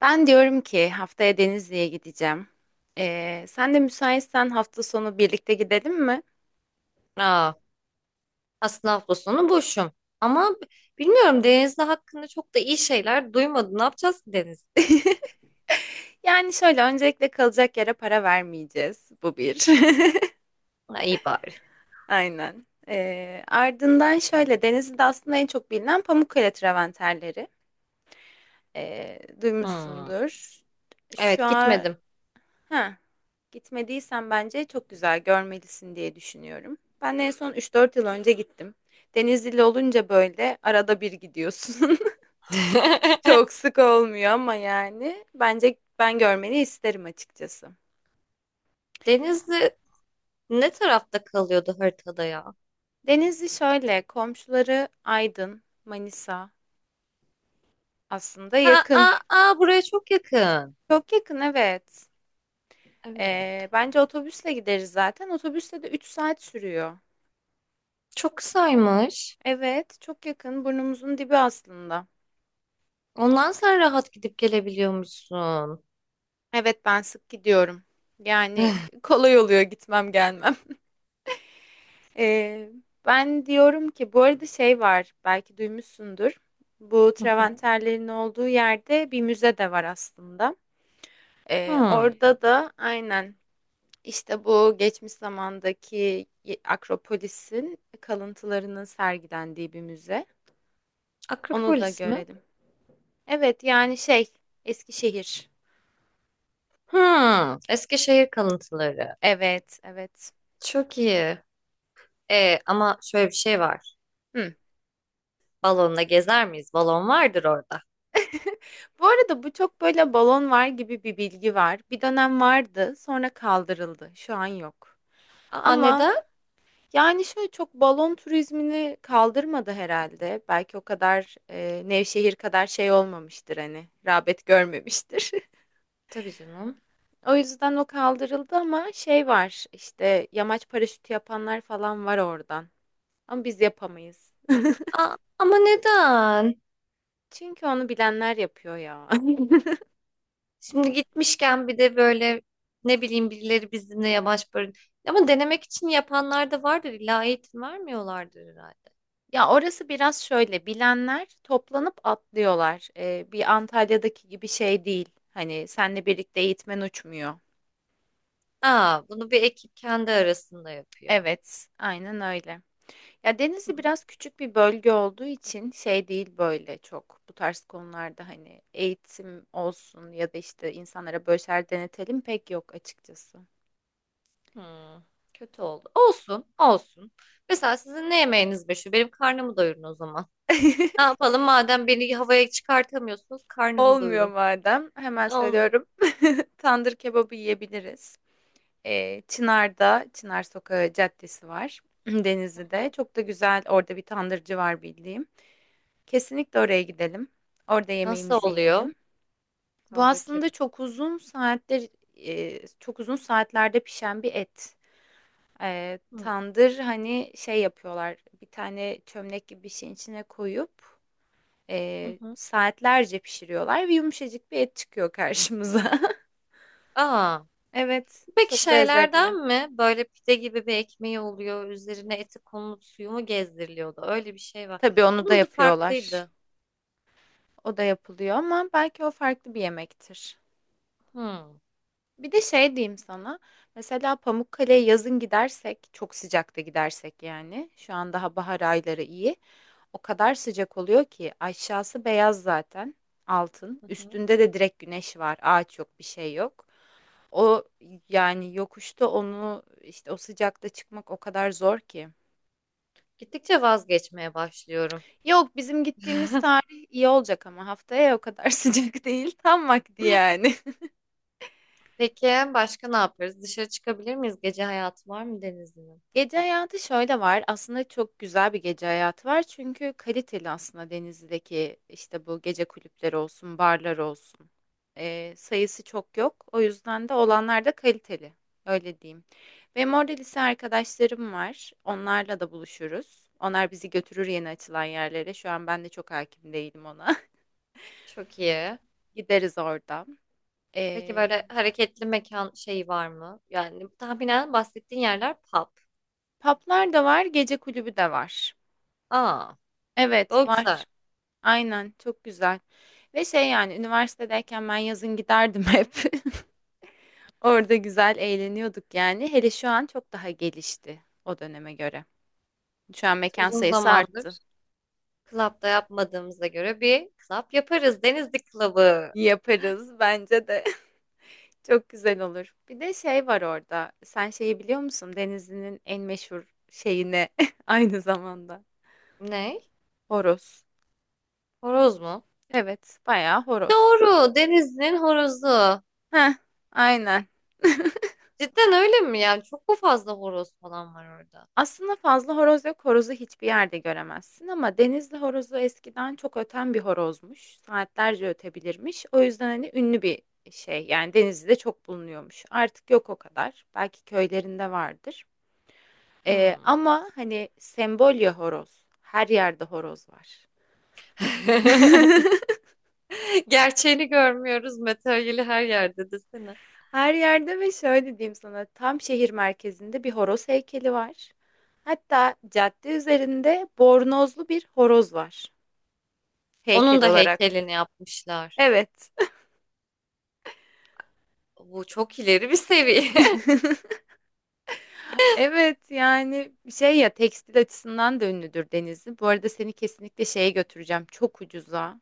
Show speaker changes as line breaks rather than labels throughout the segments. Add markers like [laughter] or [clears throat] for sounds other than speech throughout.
Ben diyorum ki haftaya Denizli'ye gideceğim. Sen de müsaitsen hafta sonu birlikte gidelim mi?
Aa, aslında hafta sonu boşum. Ama bilmiyorum, Denizli hakkında çok da iyi şeyler duymadım. Ne yapacağız ki Denizli?
Yani şöyle öncelikle kalacak yere para vermeyeceğiz. Bu bir.
Ha, iyi bari.
[laughs] Aynen. Ardından şöyle Denizli'de aslında en çok bilinen Pamukkale travertenleri.
Hmm.
Duymuşsundur. Şu
Evet,
an
gitmedim.
ha, gitmediysen bence çok güzel görmelisin diye düşünüyorum. Ben en son 3-4 yıl önce gittim. Denizli'li olunca böyle arada bir gidiyorsun. [laughs]
[laughs]
Çok sık olmuyor ama yani bence ben görmeni isterim açıkçası.
Denizli ne tarafta kalıyordu haritada ya?
Denizli şöyle komşuları Aydın, Manisa aslında
Ha,
yakın.
aa, aa, buraya çok yakın.
Çok yakın, evet.
Evet.
Bence otobüsle gideriz zaten. Otobüsle de 3 saat sürüyor.
Çok kısaymış.
Evet, çok yakın, burnumuzun dibi aslında.
Ondan sen rahat gidip gelebiliyormuşsun.
Evet, ben sık gidiyorum. Yani kolay oluyor gitmem gelmem. Ee, Ben diyorum ki bu arada şey var, belki duymuşsundur. Bu
Hı hı.
Traventerlerin olduğu yerde bir müze de var aslında.
Hmm.
Orada da aynen işte bu geçmiş zamandaki Akropolis'in kalıntılarının sergilendiği bir müze. Onu da
Akropolis mi?
görelim. Evet yani şey Eskişehir.
Hmm. Eskişehir kalıntıları.
Evet evet.
Çok iyi. E, ama şöyle bir şey var.
Hı.
Balonla gezer miyiz? Balon vardır orada.
Bu arada bu çok böyle balon var gibi bir bilgi var. Bir dönem vardı, sonra kaldırıldı. Şu an yok.
Aa, neden?
Ama yani, şöyle, çok balon turizmini kaldırmadı herhalde. Belki o kadar, Nevşehir kadar şey olmamıştır, hani, rağbet görmemiştir. [laughs]
Tabii canım.
O yüzden o kaldırıldı ama şey var, işte, yamaç paraşütü yapanlar falan var oradan ama biz yapamayız.
Aa, ama neden?
[laughs] Çünkü onu bilenler yapıyor ya. [laughs]
Şimdi gitmişken bir de böyle ne bileyim birileri bizimle yamaç barın. Ama denemek için yapanlar da vardır. İlla eğitim vermiyorlardır herhalde.
Ya, orası biraz şöyle, bilenler toplanıp atlıyorlar. Bir Antalya'daki gibi şey değil, hani, senle birlikte eğitmen uçmuyor.
Aa, bunu bir ekip kendi arasında yapıyor.
Evet, aynen öyle. Ya
Hı,
Denizli biraz küçük bir bölge olduğu için şey değil, böyle çok bu tarz konularda hani eğitim olsun ya da işte insanlara böşer denetelim pek yok açıkçası.
hı. Kötü oldu. Olsun, olsun. Mesela sizin ne yemeğiniz meşhur? Benim karnımı doyurun o zaman. Ne
[laughs]
yapalım madem beni havaya çıkartamıyorsunuz karnımı
Olmuyor
doyurun.
madem, hemen
Olmuyor.
söylüyorum. [laughs] Tandır kebabı yiyebiliriz. Çınar'da Çınar Sokağı Caddesi var [clears throat]
Hı
Denizli'de.
hı.
Çok da güzel orada bir tandırcı var bildiğim. Kesinlikle oraya gidelim. Orada
Nasıl
yemeğimizi
oluyor?
yiyelim. Bu
Tandır
aslında
kebap.
çok uzun saatler çok uzun saatlerde pişen bir et.
Hı.
Tandır hani şey yapıyorlar, bir tane çömlek gibi bir şeyin içine koyup
Hı hı.
saatlerce pişiriyorlar ve yumuşacık bir et çıkıyor karşımıza. [laughs]
Aa,
Evet,
peki
çok lezzetli.
şeylerden mi? Böyle pide gibi bir ekmeği oluyor. Üzerine eti konulup suyu mu gezdiriliyordu? Öyle bir şey var.
Tabii onu da
Bunun adı
yapıyorlar.
farklıydı.
O da yapılıyor ama belki o farklı bir yemektir.
Hmm.
Bir de şey diyeyim sana. Mesela Pamukkale'ye yazın gidersek, çok sıcakta gidersek yani. Şu an daha bahar ayları iyi. O kadar sıcak oluyor ki aşağısı beyaz zaten, altın.
Hı hı.
Üstünde de direkt güneş var. Ağaç yok, bir şey yok. O yani yokuşta onu işte o sıcakta çıkmak o kadar zor ki.
Gittikçe vazgeçmeye başlıyorum.
Yok, bizim gittiğimiz tarih iyi olacak, ama haftaya o kadar [laughs] sıcak değil. Tam vakti
[laughs]
yani.
Peki, başka ne yaparız? Dışarı çıkabilir miyiz? Gece hayatı var mı denizin?
Gece hayatı şöyle var. Aslında çok güzel bir gece hayatı var. Çünkü kaliteli aslında Denizli'deki işte bu gece kulüpleri olsun, barlar olsun. Sayısı çok yok. O yüzden de olanlar da kaliteli. Öyle diyeyim. Benim orada lise arkadaşlarım var. Onlarla da buluşuruz. Onlar bizi götürür yeni açılan yerlere. Şu an ben de çok hakim değilim ona.
Çok iyi.
[laughs] Gideriz orada.
Peki
Ee,
böyle hareketli mekan şeyi var mı? Yani tahminen bahsettiğin yerler pub.
Paplar da var, gece kulübü de var.
Aa,
Evet,
o güzel.
var. Aynen çok güzel. Ve şey yani üniversitedeyken ben yazın giderdim hep. [laughs] Orada güzel eğleniyorduk yani. Hele şu an çok daha gelişti o döneme göre. Şu an
Evet,
mekan
uzun
sayısı arttı.
zamandır. Club'da yapmadığımıza göre bir club yaparız. Denizli Club'ı.
Yaparız bence de. [laughs] Çok güzel olur. Bir de şey var orada. Sen şeyi biliyor musun? Denizli'nin en meşhur şeyine [laughs] aynı zamanda.
Ne?
Horoz.
Horoz mu?
Evet, bayağı horoz.
Doğru. Denizli'nin horozu.
Heh, aynen. [laughs]
Cidden öyle mi? Yani çok mu fazla horoz falan var orada?
Aslında fazla horoz yok, horozu hiçbir yerde göremezsin ama denizli horozu eskiden çok öten bir horozmuş. Saatlerce ötebilirmiş. O yüzden hani ünlü bir şey. Yani denizde çok bulunuyormuş. Artık yok o kadar. Belki köylerinde vardır.
Hmm.
Ama hani sembolya horoz. Her yerde horoz var.
[laughs]
[laughs]
Gerçeğini görmüyoruz. Materyali her yerde desene.
Her yerde. Ve şöyle diyeyim sana, tam şehir merkezinde bir horoz heykeli var. Hatta cadde üzerinde bornozlu bir horoz var,
Onun
heykel
da
olarak.
heykelini yapmışlar.
Evet.
Bu çok ileri bir seviye. [laughs]
[laughs] Evet yani şey ya tekstil açısından da ünlüdür Denizli. Bu arada seni kesinlikle şeye götüreceğim. Çok ucuza.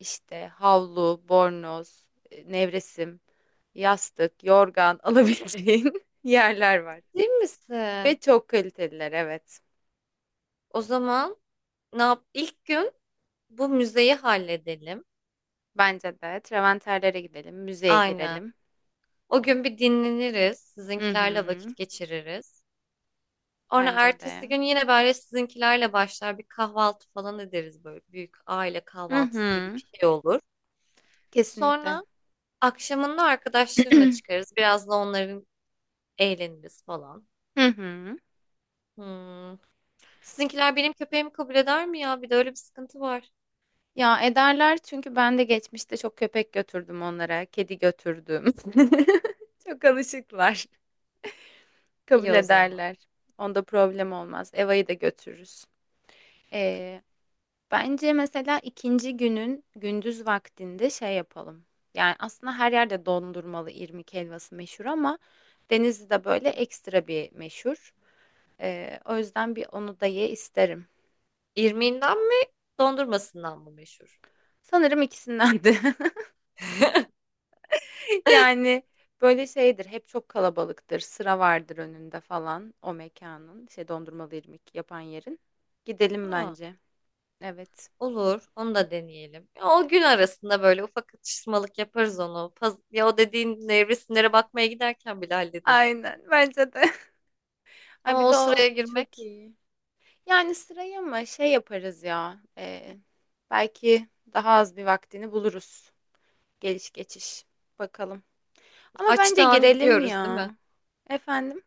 İşte havlu, bornoz, nevresim, yastık, yorgan [laughs] alabileceğin yerler var.
Değil
Ve
misin?
çok kaliteliler, evet.
O zaman ne yap? İlk gün bu müzeyi halledelim.
Bence de. Treventerlere gidelim, müzeye
Aynen.
girelim.
O gün bir dinleniriz,
Hı
sizinkilerle
hı.
vakit geçiririz. Sonra
Bence
ertesi
de.
gün yine böyle sizinkilerle başlar bir kahvaltı falan ederiz, böyle büyük aile
Hı
kahvaltısı gibi
hı.
bir şey olur.
Kesinlikle.
Sonra akşamında arkadaşlarına
[clears throat]
çıkarız. Biraz da onların eğleniriz falan.
Hı hı.
Hmm. Sizinkiler benim köpeğimi kabul eder mi ya? Bir de öyle bir sıkıntı var.
Ya ederler, çünkü ben de geçmişte çok köpek götürdüm onlara, kedi götürdüm. [laughs] Çok alışıklar. Kabul
İyi o zaman.
ederler. Onda problem olmaz. Eva'yı da götürürüz. Ee, Bence mesela ikinci günün gündüz vaktinde şey yapalım. Yani aslında her yerde dondurmalı irmik helvası meşhur ama Denizli'de böyle ekstra bir meşhur. O yüzden bir onu da ye isterim.
İrmiğinden mi, dondurmasından mı meşhur?
Sanırım ikisinden de. [laughs]
[laughs]
[laughs] Yani böyle şeydir. Hep çok kalabalıktır. Sıra vardır önünde falan o mekanın. Şey dondurmalı irmik yapan yerin. Gidelim
Aa.
bence. Evet.
Olur, onu da deneyelim. Ya, o gün arasında böyle ufak atıştırmalık yaparız onu. Ya o dediğin nevresimlere bakmaya giderken bile hallederiz.
Aynen bence de. [laughs] Ay
Ama
bir
o
de
sıraya
o çok
girmek
iyi. Yani sıraya mı şey yaparız ya. Belki daha az bir vaktini buluruz. Geliş geçiş. Bakalım. Ama bence
açtığı an
girelim
gidiyoruz değil
ya.
mi?
Efendim?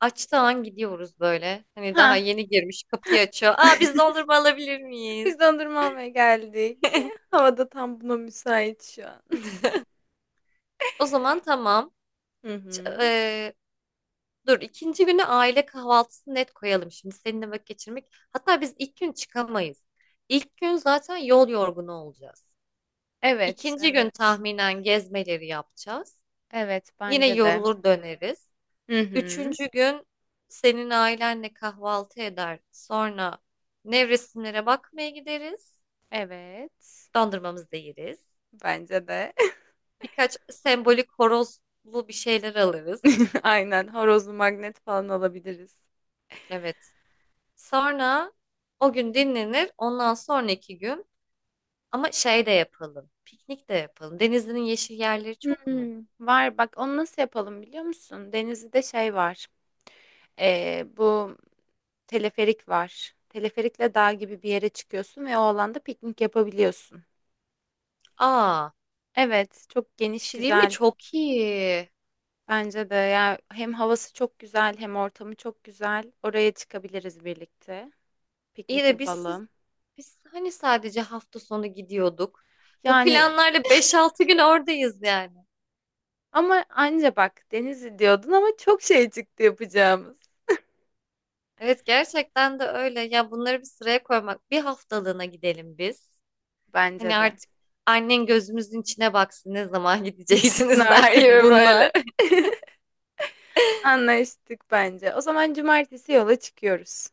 Açtığı an gidiyoruz böyle. Hani daha
Ha,
yeni girmiş kapıyı açıyor. Aa, biz dondurma alabilir
[laughs]
miyiz?
biz dondurma almaya geldik.
[laughs]
Havada tam buna müsait şu an.
O zaman tamam.
[laughs] Hı hı.
Ç- eee, dur, ikinci günü aile kahvaltısı net koyalım, şimdi seninle vakit geçirmek. Hatta biz ilk gün çıkamayız. İlk gün zaten yol yorgunu olacağız.
Evet,
İkinci gün
evet.
tahminen gezmeleri yapacağız.
Evet,
Yine
bence de.
yorulur döneriz.
Hı hı.
Üçüncü gün senin ailenle kahvaltı eder. Sonra nevresimlere bakmaya gideriz.
Evet.
Dondurmamızı da yeriz.
Bence de.
Birkaç sembolik horozlu bir şeyler alırız.
[laughs] Aynen. Horozlu magnet falan alabiliriz.
Evet. Sonra o gün dinlenir. Ondan sonraki gün ama şey de yapalım. Piknik de yapalım. Denizli'nin yeşil yerleri çok mu?
Hmm, var bak onu nasıl yapalım biliyor musun? Denizli'de şey var. Bu teleferik var. Teleferikle dağ gibi bir yere çıkıyorsun ve o alanda piknik yapabiliyorsun.
Aa,
Evet, çok
bir
geniş
şey değil mi?
güzel.
Çok iyi.
Bence de ya, hem havası çok güzel hem ortamı çok güzel. Oraya çıkabiliriz birlikte.
İyi
Piknik
de biz
yapalım.
biz hani sadece hafta sonu gidiyorduk. Bu
Yani
planlarla 5-6 gün oradayız yani.
ama anca bak Denizli diyordun ama çok şey çıktı yapacağımız.
Evet, gerçekten de öyle. Ya bunları bir sıraya koymak. Bir haftalığına gidelim biz. Hani
Bence de.
artık annen gözümüzün içine baksın ne zaman [laughs]
Gitsin
gideceksiniz der
artık
gibi böyle.
bunlar. Anlaştık bence. O zaman cumartesi yola çıkıyoruz.